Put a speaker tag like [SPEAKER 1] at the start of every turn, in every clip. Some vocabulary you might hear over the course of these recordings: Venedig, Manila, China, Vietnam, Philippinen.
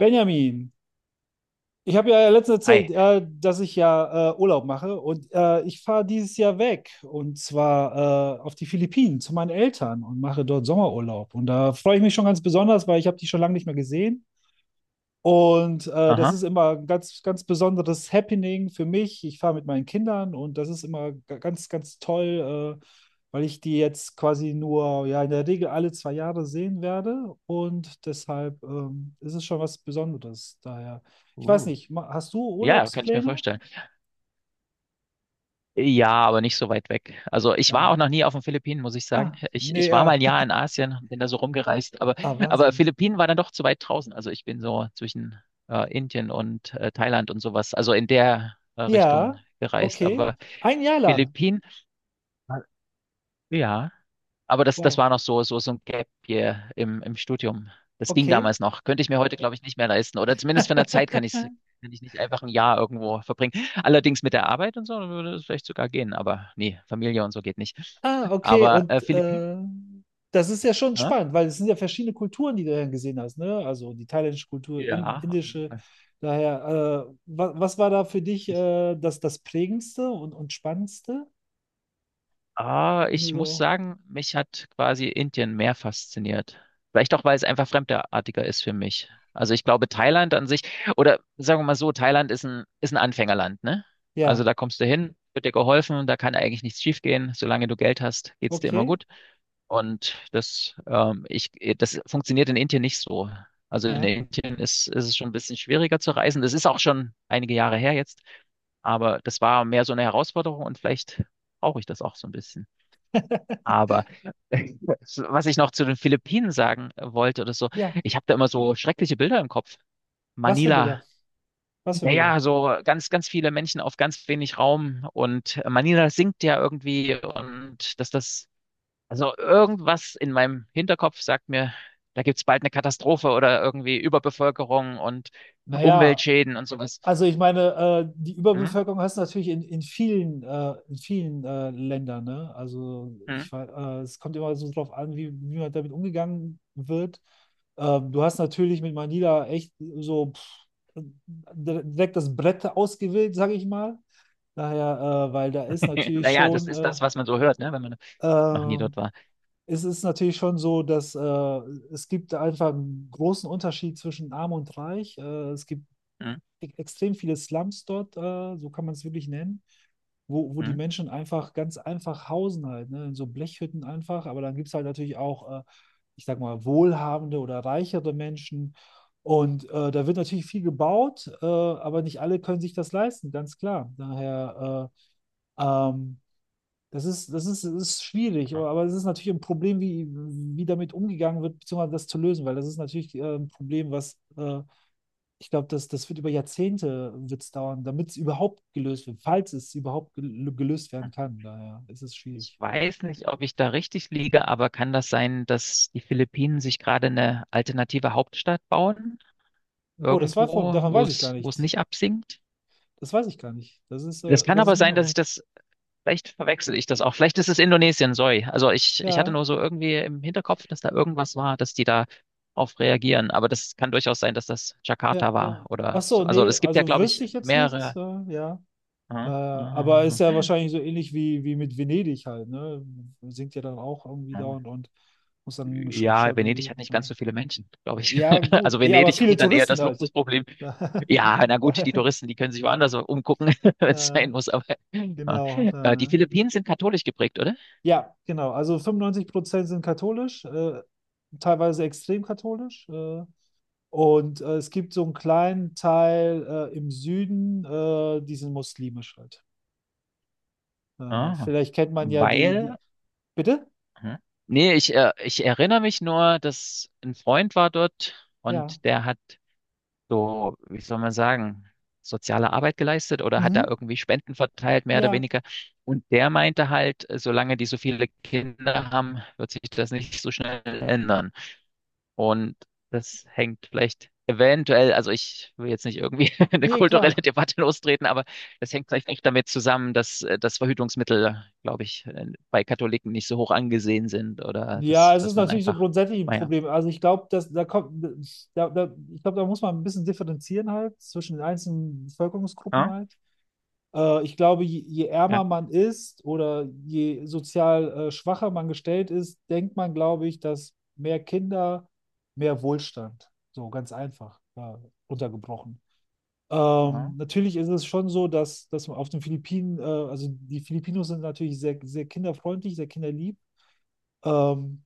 [SPEAKER 1] Benjamin, ich habe ja letztens erzählt,
[SPEAKER 2] Ei.
[SPEAKER 1] dass ich ja Urlaub mache und ich fahre dieses Jahr weg und zwar auf die Philippinen zu meinen Eltern und mache dort Sommerurlaub. Und da freue ich mich schon ganz besonders, weil ich habe die schon lange nicht mehr gesehen. Und das
[SPEAKER 2] Aha.
[SPEAKER 1] ist immer ein ganz, ganz besonderes Happening für mich. Ich fahre mit meinen Kindern und das ist immer ganz, ganz toll, weil ich die jetzt quasi nur, ja, in der Regel alle zwei Jahre sehen werde. Und deshalb ist es schon was Besonderes. Daher, ich weiß
[SPEAKER 2] Uh.
[SPEAKER 1] nicht, hast du
[SPEAKER 2] Ja, kann ich mir
[SPEAKER 1] Urlaubspläne?
[SPEAKER 2] vorstellen. Ja, aber nicht so weit weg. Also ich war
[SPEAKER 1] Ja.
[SPEAKER 2] auch noch nie auf den Philippinen, muss ich sagen.
[SPEAKER 1] Ah,
[SPEAKER 2] Ich,
[SPEAKER 1] nee,
[SPEAKER 2] ich war mal ein
[SPEAKER 1] ja.
[SPEAKER 2] Jahr in Asien, bin da so rumgereist,
[SPEAKER 1] Ah,
[SPEAKER 2] aber
[SPEAKER 1] Wahnsinn.
[SPEAKER 2] Philippinen war dann doch zu weit draußen. Also ich bin so zwischen Indien und Thailand und sowas, also in der Richtung
[SPEAKER 1] Ja,
[SPEAKER 2] gereist.
[SPEAKER 1] okay.
[SPEAKER 2] Aber
[SPEAKER 1] Ein Jahr lang.
[SPEAKER 2] Philippinen, ja. Aber das
[SPEAKER 1] Wow.
[SPEAKER 2] war noch so ein Gap hier im Studium. Das ging
[SPEAKER 1] Okay.
[SPEAKER 2] damals noch. Könnte ich mir heute, glaube ich, nicht mehr leisten. Oder zumindest von der Zeit kann ich kann ich nicht einfach ein Jahr irgendwo verbringen. Allerdings mit der Arbeit und so würde es vielleicht sogar gehen, aber nee, Familie und so geht nicht.
[SPEAKER 1] Ah, okay.
[SPEAKER 2] Aber
[SPEAKER 1] Und
[SPEAKER 2] Philippinen,
[SPEAKER 1] das ist ja schon
[SPEAKER 2] hä?
[SPEAKER 1] spannend, weil es sind ja verschiedene Kulturen, die du dann gesehen hast, ne? Also die thailändische Kultur,
[SPEAKER 2] Ja, auf jeden
[SPEAKER 1] indische.
[SPEAKER 2] Fall.
[SPEAKER 1] Daher, was war da für dich das Prägendste und Spannendste?
[SPEAKER 2] Ah,
[SPEAKER 1] Wenn du
[SPEAKER 2] ich muss
[SPEAKER 1] so,
[SPEAKER 2] sagen, mich hat quasi Indien mehr fasziniert. Vielleicht auch, weil es einfach fremdartiger ist für mich. Also ich glaube, Thailand an sich, oder sagen wir mal so, Thailand ist ein Anfängerland, ne? Also
[SPEAKER 1] ja,
[SPEAKER 2] da kommst du hin, wird dir geholfen, da kann eigentlich nichts schiefgehen. Solange du Geld hast, geht's dir immer
[SPEAKER 1] okay,
[SPEAKER 2] gut. Und das, ähm, ich, Das funktioniert in Indien nicht so. Also in
[SPEAKER 1] ja,
[SPEAKER 2] Indien ist es schon ein bisschen schwieriger zu reisen. Das ist auch schon einige Jahre her jetzt. Aber das war mehr so eine Herausforderung und vielleicht brauche ich das auch so ein bisschen. Aber was ich noch zu den Philippinen sagen wollte oder so,
[SPEAKER 1] ja.
[SPEAKER 2] ich habe da immer so schreckliche Bilder im Kopf.
[SPEAKER 1] Was für
[SPEAKER 2] Manila,
[SPEAKER 1] Bilder? Was für Bilder?
[SPEAKER 2] naja, so ganz, ganz viele Menschen auf ganz wenig Raum und Manila sinkt ja irgendwie und dass das, also irgendwas in meinem Hinterkopf sagt mir, da gibt's bald eine Katastrophe oder irgendwie Überbevölkerung und
[SPEAKER 1] Naja,
[SPEAKER 2] Umweltschäden und sowas.
[SPEAKER 1] also ich meine, die
[SPEAKER 2] Hm?
[SPEAKER 1] Überbevölkerung hast du natürlich in vielen Ländern, ne?
[SPEAKER 2] Hm?
[SPEAKER 1] Es kommt immer so drauf an, wie man damit umgegangen wird. Du hast natürlich mit Manila echt so pff, direkt das Brett ausgewählt, sage ich mal. Daher, weil da ist natürlich
[SPEAKER 2] Naja, das
[SPEAKER 1] schon,
[SPEAKER 2] ist das, was man so hört, ne, wenn man noch nie
[SPEAKER 1] äh,
[SPEAKER 2] dort war.
[SPEAKER 1] es ist natürlich schon so, dass es gibt einfach einen großen Unterschied zwischen Arm und Reich. Es gibt
[SPEAKER 2] Hm?
[SPEAKER 1] extrem viele Slums dort, so kann man es wirklich nennen, wo die
[SPEAKER 2] Hm?
[SPEAKER 1] Menschen einfach ganz einfach hausen halt, ne? In so Blechhütten einfach, aber dann gibt es halt natürlich auch, ich sag mal, wohlhabende oder reichere Menschen. Und da wird natürlich viel gebaut, aber nicht alle können sich das leisten, ganz klar. Daher, äh, ähm, das ist schwierig,
[SPEAKER 2] Ah,
[SPEAKER 1] aber es ist natürlich ein Problem, wie damit umgegangen wird, beziehungsweise das zu lösen, weil das ist natürlich ein Problem, was ich glaube, das wird über Jahrzehnte wird's dauern, damit es überhaupt gelöst wird, falls es überhaupt gelöst werden
[SPEAKER 2] ah.
[SPEAKER 1] kann. Daher ist es
[SPEAKER 2] Ich
[SPEAKER 1] schwierig.
[SPEAKER 2] weiß nicht, ob ich da richtig liege, aber kann das sein, dass die Philippinen sich gerade eine alternative Hauptstadt bauen?
[SPEAKER 1] Oh, das war
[SPEAKER 2] Irgendwo,
[SPEAKER 1] davon
[SPEAKER 2] wo
[SPEAKER 1] weiß ich gar
[SPEAKER 2] es, wo es
[SPEAKER 1] nichts.
[SPEAKER 2] nicht absinkt?
[SPEAKER 1] Das weiß ich gar nicht.
[SPEAKER 2] Das kann
[SPEAKER 1] Das ist
[SPEAKER 2] aber
[SPEAKER 1] mir
[SPEAKER 2] sein,
[SPEAKER 1] neu.
[SPEAKER 2] dass ich das, vielleicht verwechsel ich das auch. Vielleicht ist es Indonesien, sorry. Also ich hatte
[SPEAKER 1] Ja,
[SPEAKER 2] nur so irgendwie im Hinterkopf, dass da irgendwas war, dass die da auf reagieren. Aber das kann durchaus sein, dass das Jakarta
[SPEAKER 1] ja,
[SPEAKER 2] war
[SPEAKER 1] ja. Ach
[SPEAKER 2] oder so.
[SPEAKER 1] so,
[SPEAKER 2] Also
[SPEAKER 1] nee,
[SPEAKER 2] es gibt ja,
[SPEAKER 1] also
[SPEAKER 2] glaube ich,
[SPEAKER 1] wüsste ich jetzt nichts.
[SPEAKER 2] mehrere.
[SPEAKER 1] Ja.
[SPEAKER 2] Ah,
[SPEAKER 1] Aber ist
[SPEAKER 2] ah,
[SPEAKER 1] ja
[SPEAKER 2] ah,
[SPEAKER 1] wahrscheinlich so ähnlich wie mit Venedig halt, ne? Singt ja dann auch irgendwie dauernd
[SPEAKER 2] ah.
[SPEAKER 1] und muss dann
[SPEAKER 2] Ja,
[SPEAKER 1] geschaut,
[SPEAKER 2] Venedig
[SPEAKER 1] wie.
[SPEAKER 2] hat nicht ganz
[SPEAKER 1] Ja.
[SPEAKER 2] so viele Menschen, glaube ich.
[SPEAKER 1] Ja, gut.
[SPEAKER 2] Also
[SPEAKER 1] Ja, aber
[SPEAKER 2] Venedig
[SPEAKER 1] viele
[SPEAKER 2] hat dann eher
[SPEAKER 1] Touristen
[SPEAKER 2] das
[SPEAKER 1] halt.
[SPEAKER 2] Luxusproblem. Ja,
[SPEAKER 1] Da,
[SPEAKER 2] na gut, die Touristen, die können sich woanders umgucken, wenn es
[SPEAKER 1] äh,
[SPEAKER 2] sein muss. Aber ja.
[SPEAKER 1] genau.
[SPEAKER 2] Die
[SPEAKER 1] Da.
[SPEAKER 2] Philippinen sind katholisch geprägt, oder?
[SPEAKER 1] Ja, genau. Also 95% sind katholisch, teilweise extrem katholisch. Und es gibt so einen kleinen Teil im Süden, die sind muslimisch halt.
[SPEAKER 2] Ah,
[SPEAKER 1] Vielleicht kennt man ja die,
[SPEAKER 2] weil,
[SPEAKER 1] die. Bitte?
[SPEAKER 2] hm? Nee, ich erinnere mich nur, dass ein Freund war dort
[SPEAKER 1] Ja.
[SPEAKER 2] und der hat so, wie soll man sagen, soziale Arbeit geleistet oder hat da
[SPEAKER 1] Mhm.
[SPEAKER 2] irgendwie Spenden verteilt, mehr oder
[SPEAKER 1] Ja.
[SPEAKER 2] weniger. Und der meinte halt, solange die so viele Kinder haben, wird sich das nicht so schnell ändern. Und das hängt vielleicht eventuell, also ich will jetzt nicht irgendwie eine
[SPEAKER 1] Nee,
[SPEAKER 2] kulturelle
[SPEAKER 1] klar.
[SPEAKER 2] Debatte lostreten, aber das hängt vielleicht echt damit zusammen, dass das Verhütungsmittel, glaube ich, bei Katholiken nicht so hoch angesehen sind oder
[SPEAKER 1] Ja,
[SPEAKER 2] dass,
[SPEAKER 1] es ist
[SPEAKER 2] dass man
[SPEAKER 1] natürlich so
[SPEAKER 2] einfach,
[SPEAKER 1] grundsätzlich ein
[SPEAKER 2] naja,
[SPEAKER 1] Problem. Also ich glaube, dass da kommt, da, da, ich glaube, da muss man ein bisschen differenzieren halt zwischen den einzelnen Bevölkerungsgruppen
[SPEAKER 2] ja,
[SPEAKER 1] halt. Ich glaube, je ärmer
[SPEAKER 2] ja,
[SPEAKER 1] man ist oder je sozial schwacher man gestellt ist, denkt man, glaube ich, dass mehr Kinder, mehr Wohlstand, so ganz einfach runtergebrochen.
[SPEAKER 2] ja,
[SPEAKER 1] Natürlich ist es schon so, dass man auf den Philippinen, also die Filipinos sind natürlich sehr, sehr kinderfreundlich, sehr kinderlieb. Ähm,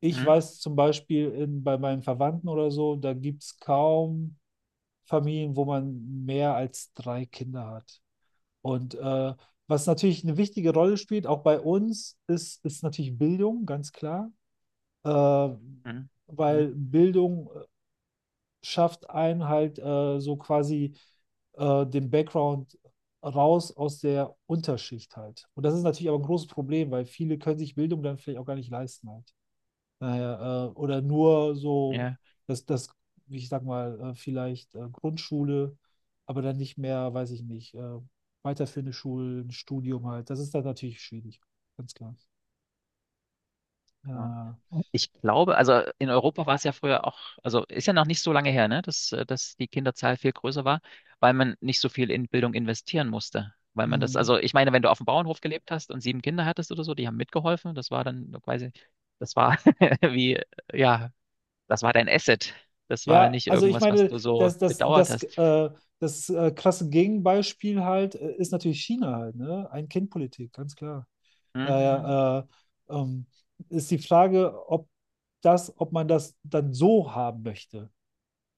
[SPEAKER 1] Ich
[SPEAKER 2] hm,
[SPEAKER 1] weiß zum Beispiel bei meinen Verwandten oder so, da gibt es kaum Familien, wo man mehr als drei Kinder hat. Und was natürlich eine wichtige Rolle spielt, auch bei uns, ist natürlich Bildung, ganz klar. Äh,
[SPEAKER 2] hm,
[SPEAKER 1] Weil
[SPEAKER 2] hm,
[SPEAKER 1] Bildung schafft einen halt so quasi den Background raus aus der Unterschicht halt. Und das ist natürlich aber ein großes Problem, weil viele können sich Bildung dann vielleicht auch gar nicht leisten halt. Naja, oder nur so,
[SPEAKER 2] ja.
[SPEAKER 1] das, ich sag mal, vielleicht Grundschule, aber dann nicht mehr, weiß ich nicht, weiterführende Schulen, Studium halt. Das ist dann natürlich schwierig, ganz klar.
[SPEAKER 2] Ja.
[SPEAKER 1] Ja.
[SPEAKER 2] Ich glaube, also in Europa war es ja früher auch, also ist ja noch nicht so lange her, ne, dass die Kinderzahl viel größer war, weil man nicht so viel in Bildung investieren musste. Weil man das,
[SPEAKER 1] Mm.
[SPEAKER 2] also ich meine, wenn du auf dem Bauernhof gelebt hast und sieben Kinder hattest oder so, die haben mitgeholfen, das war dann quasi, das war wie, ja, das war dein Asset. Das war
[SPEAKER 1] Ja,
[SPEAKER 2] nicht
[SPEAKER 1] also ich
[SPEAKER 2] irgendwas, was
[SPEAKER 1] meine,
[SPEAKER 2] du so bedauert
[SPEAKER 1] das,
[SPEAKER 2] hast.
[SPEAKER 1] das krasse Gegenbeispiel halt ist natürlich China halt, ne? Ein-Kind-Politik, ganz klar.
[SPEAKER 2] Mhm.
[SPEAKER 1] Daher äh, ähm, ist die Frage, ob ob man das dann so haben möchte.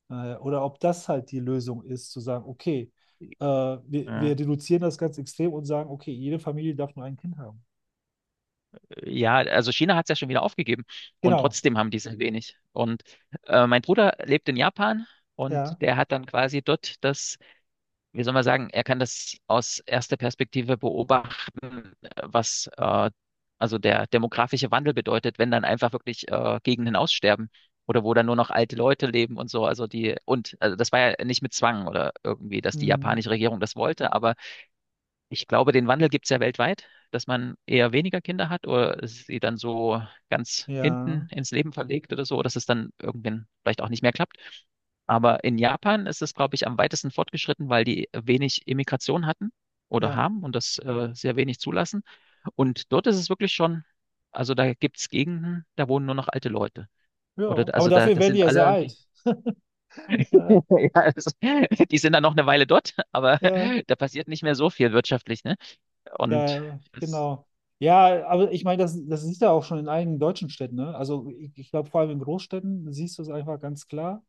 [SPEAKER 1] Oder ob das halt die Lösung ist, zu sagen, okay, wir reduzieren das ganz extrem und sagen, okay, jede Familie darf nur ein Kind haben.
[SPEAKER 2] Ja, also China hat es ja schon wieder aufgegeben und
[SPEAKER 1] Genau,
[SPEAKER 2] trotzdem haben die sehr wenig. Und mein Bruder lebt in Japan
[SPEAKER 1] ja.
[SPEAKER 2] und der hat dann quasi dort das, wie soll man sagen, er kann das aus erster Perspektive beobachten, was also der demografische Wandel bedeutet, wenn dann einfach wirklich Gegenden aussterben oder wo dann nur noch alte Leute leben und so. Also die und also das war ja nicht mit Zwang oder irgendwie, dass die
[SPEAKER 1] Hm.
[SPEAKER 2] japanische Regierung das wollte, aber ich glaube, den Wandel gibt es ja weltweit, dass man eher weniger Kinder hat oder sie dann so ganz
[SPEAKER 1] Ja,
[SPEAKER 2] hinten ins Leben verlegt oder so, dass es dann irgendwann vielleicht auch nicht mehr klappt. Aber in Japan ist es, glaube ich, am weitesten fortgeschritten, weil die wenig Immigration hatten oder
[SPEAKER 1] ja,
[SPEAKER 2] haben und das sehr wenig zulassen. Und dort ist es wirklich schon, also da gibt es Gegenden, da wohnen nur noch alte Leute. Oder
[SPEAKER 1] ja. Aber
[SPEAKER 2] also da,
[SPEAKER 1] dafür
[SPEAKER 2] das
[SPEAKER 1] werden die
[SPEAKER 2] sind
[SPEAKER 1] ja sehr
[SPEAKER 2] alle,
[SPEAKER 1] alt.
[SPEAKER 2] die,
[SPEAKER 1] Ja,
[SPEAKER 2] ja, also, die sind dann noch eine Weile dort, aber
[SPEAKER 1] ja,
[SPEAKER 2] da passiert nicht mehr so viel wirtschaftlich, ne? Und es,
[SPEAKER 1] genau. Ja, aber ich meine, das siehst du auch schon in einigen deutschen Städten, ne? Also ich glaube, vor allem in Großstädten siehst du es einfach ganz klar.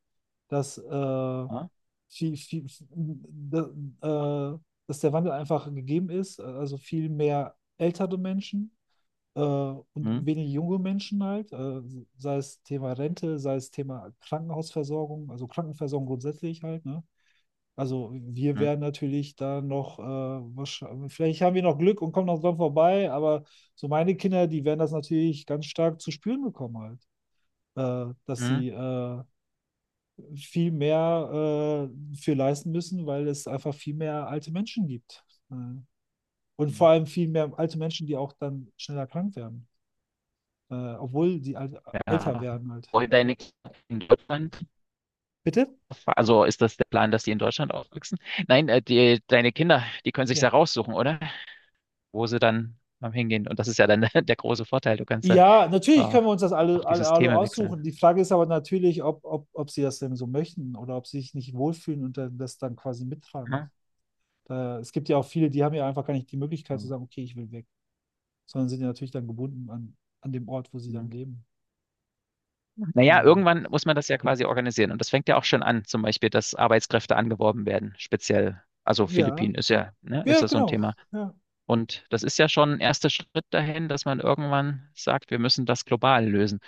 [SPEAKER 1] dass,
[SPEAKER 2] ja,
[SPEAKER 1] viel, viel, da- äh, Dass der Wandel einfach gegeben ist, also viel mehr ältere Menschen und
[SPEAKER 2] hm,
[SPEAKER 1] wenig junge Menschen halt, sei es Thema Rente, sei es Thema Krankenhausversorgung, also Krankenversorgung grundsätzlich halt, ne? Also wir
[SPEAKER 2] hm,
[SPEAKER 1] werden natürlich da noch, wahrscheinlich, vielleicht haben wir noch Glück und kommen noch dran vorbei, aber so meine Kinder, die werden das natürlich ganz stark zu spüren bekommen halt, dass
[SPEAKER 2] hm,
[SPEAKER 1] sie viel mehr für leisten müssen, weil es einfach viel mehr alte Menschen gibt. Äh, und
[SPEAKER 2] hm,
[SPEAKER 1] vor allem viel mehr alte Menschen, die auch dann schneller krank werden, obwohl älter
[SPEAKER 2] ja.
[SPEAKER 1] werden halt.
[SPEAKER 2] Wollen deine Kinder in Deutschland,
[SPEAKER 1] Bitte?
[SPEAKER 2] also ist das der Plan, dass die in Deutschland aufwachsen? Nein, die, deine Kinder, die können sich
[SPEAKER 1] Ja.
[SPEAKER 2] ja raussuchen, oder? Wo sie dann hingehen. Und das ist ja dann der große Vorteil. Du kannst dann
[SPEAKER 1] Ja, natürlich
[SPEAKER 2] äh,
[SPEAKER 1] können wir uns das
[SPEAKER 2] auch
[SPEAKER 1] alle,
[SPEAKER 2] die
[SPEAKER 1] alle, alle
[SPEAKER 2] Systeme wechseln.
[SPEAKER 1] aussuchen. Die Frage ist aber natürlich, ob sie das denn so möchten oder ob sie sich nicht wohlfühlen und dann, das dann quasi mittragen.
[SPEAKER 2] Ja.
[SPEAKER 1] Es gibt ja auch viele, die haben ja einfach gar nicht die Möglichkeit zu sagen, okay, ich will weg, sondern sind ja natürlich dann gebunden an dem Ort, wo sie dann
[SPEAKER 2] Mhm.
[SPEAKER 1] leben.
[SPEAKER 2] Naja,
[SPEAKER 1] Äh,
[SPEAKER 2] irgendwann muss man das ja quasi organisieren. Und das fängt ja auch schon an, zum Beispiel, dass Arbeitskräfte angeworben werden, speziell. Also
[SPEAKER 1] ja,
[SPEAKER 2] Philippinen ist ja, ne, ist
[SPEAKER 1] ja,
[SPEAKER 2] ja so ein
[SPEAKER 1] genau.
[SPEAKER 2] Thema.
[SPEAKER 1] Ja,
[SPEAKER 2] Und das ist ja schon ein erster Schritt dahin, dass man irgendwann sagt, wir müssen das global lösen.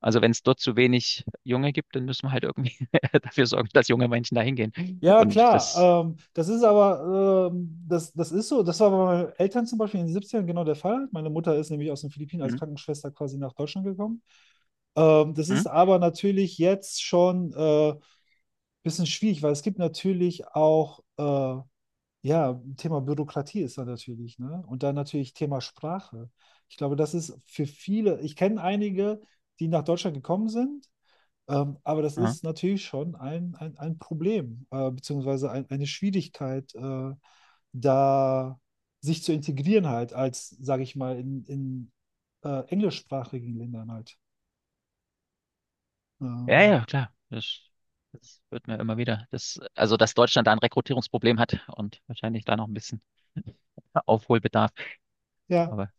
[SPEAKER 2] Also wenn es dort zu wenig Junge gibt, dann müssen wir halt irgendwie dafür sorgen, dass junge Menschen dahin gehen.
[SPEAKER 1] ja
[SPEAKER 2] Und das,
[SPEAKER 1] klar. Das ist aber, das ist so, das war bei meinen Eltern zum Beispiel in den 70ern genau der Fall. Meine Mutter ist nämlich aus den Philippinen als
[SPEAKER 2] hm,
[SPEAKER 1] Krankenschwester quasi nach Deutschland gekommen. Das
[SPEAKER 2] hm,
[SPEAKER 1] ist aber natürlich jetzt schon ein bisschen schwierig, weil es gibt natürlich auch, ja, Thema Bürokratie ist da natürlich, ne? Und dann natürlich Thema Sprache. Ich glaube, das ist für viele, ich kenne einige, die nach Deutschland gekommen sind. Aber das
[SPEAKER 2] ja,
[SPEAKER 1] ist natürlich schon ein Problem, beziehungsweise eine Schwierigkeit, da sich zu integrieren halt, als, sage ich mal, in englischsprachigen Ländern halt.
[SPEAKER 2] ja,
[SPEAKER 1] Ähm,
[SPEAKER 2] ja, klar, das wird mir immer wieder, das, also dass Deutschland da ein Rekrutierungsproblem hat und wahrscheinlich da noch ein bisschen Aufholbedarf.
[SPEAKER 1] ja,
[SPEAKER 2] Aber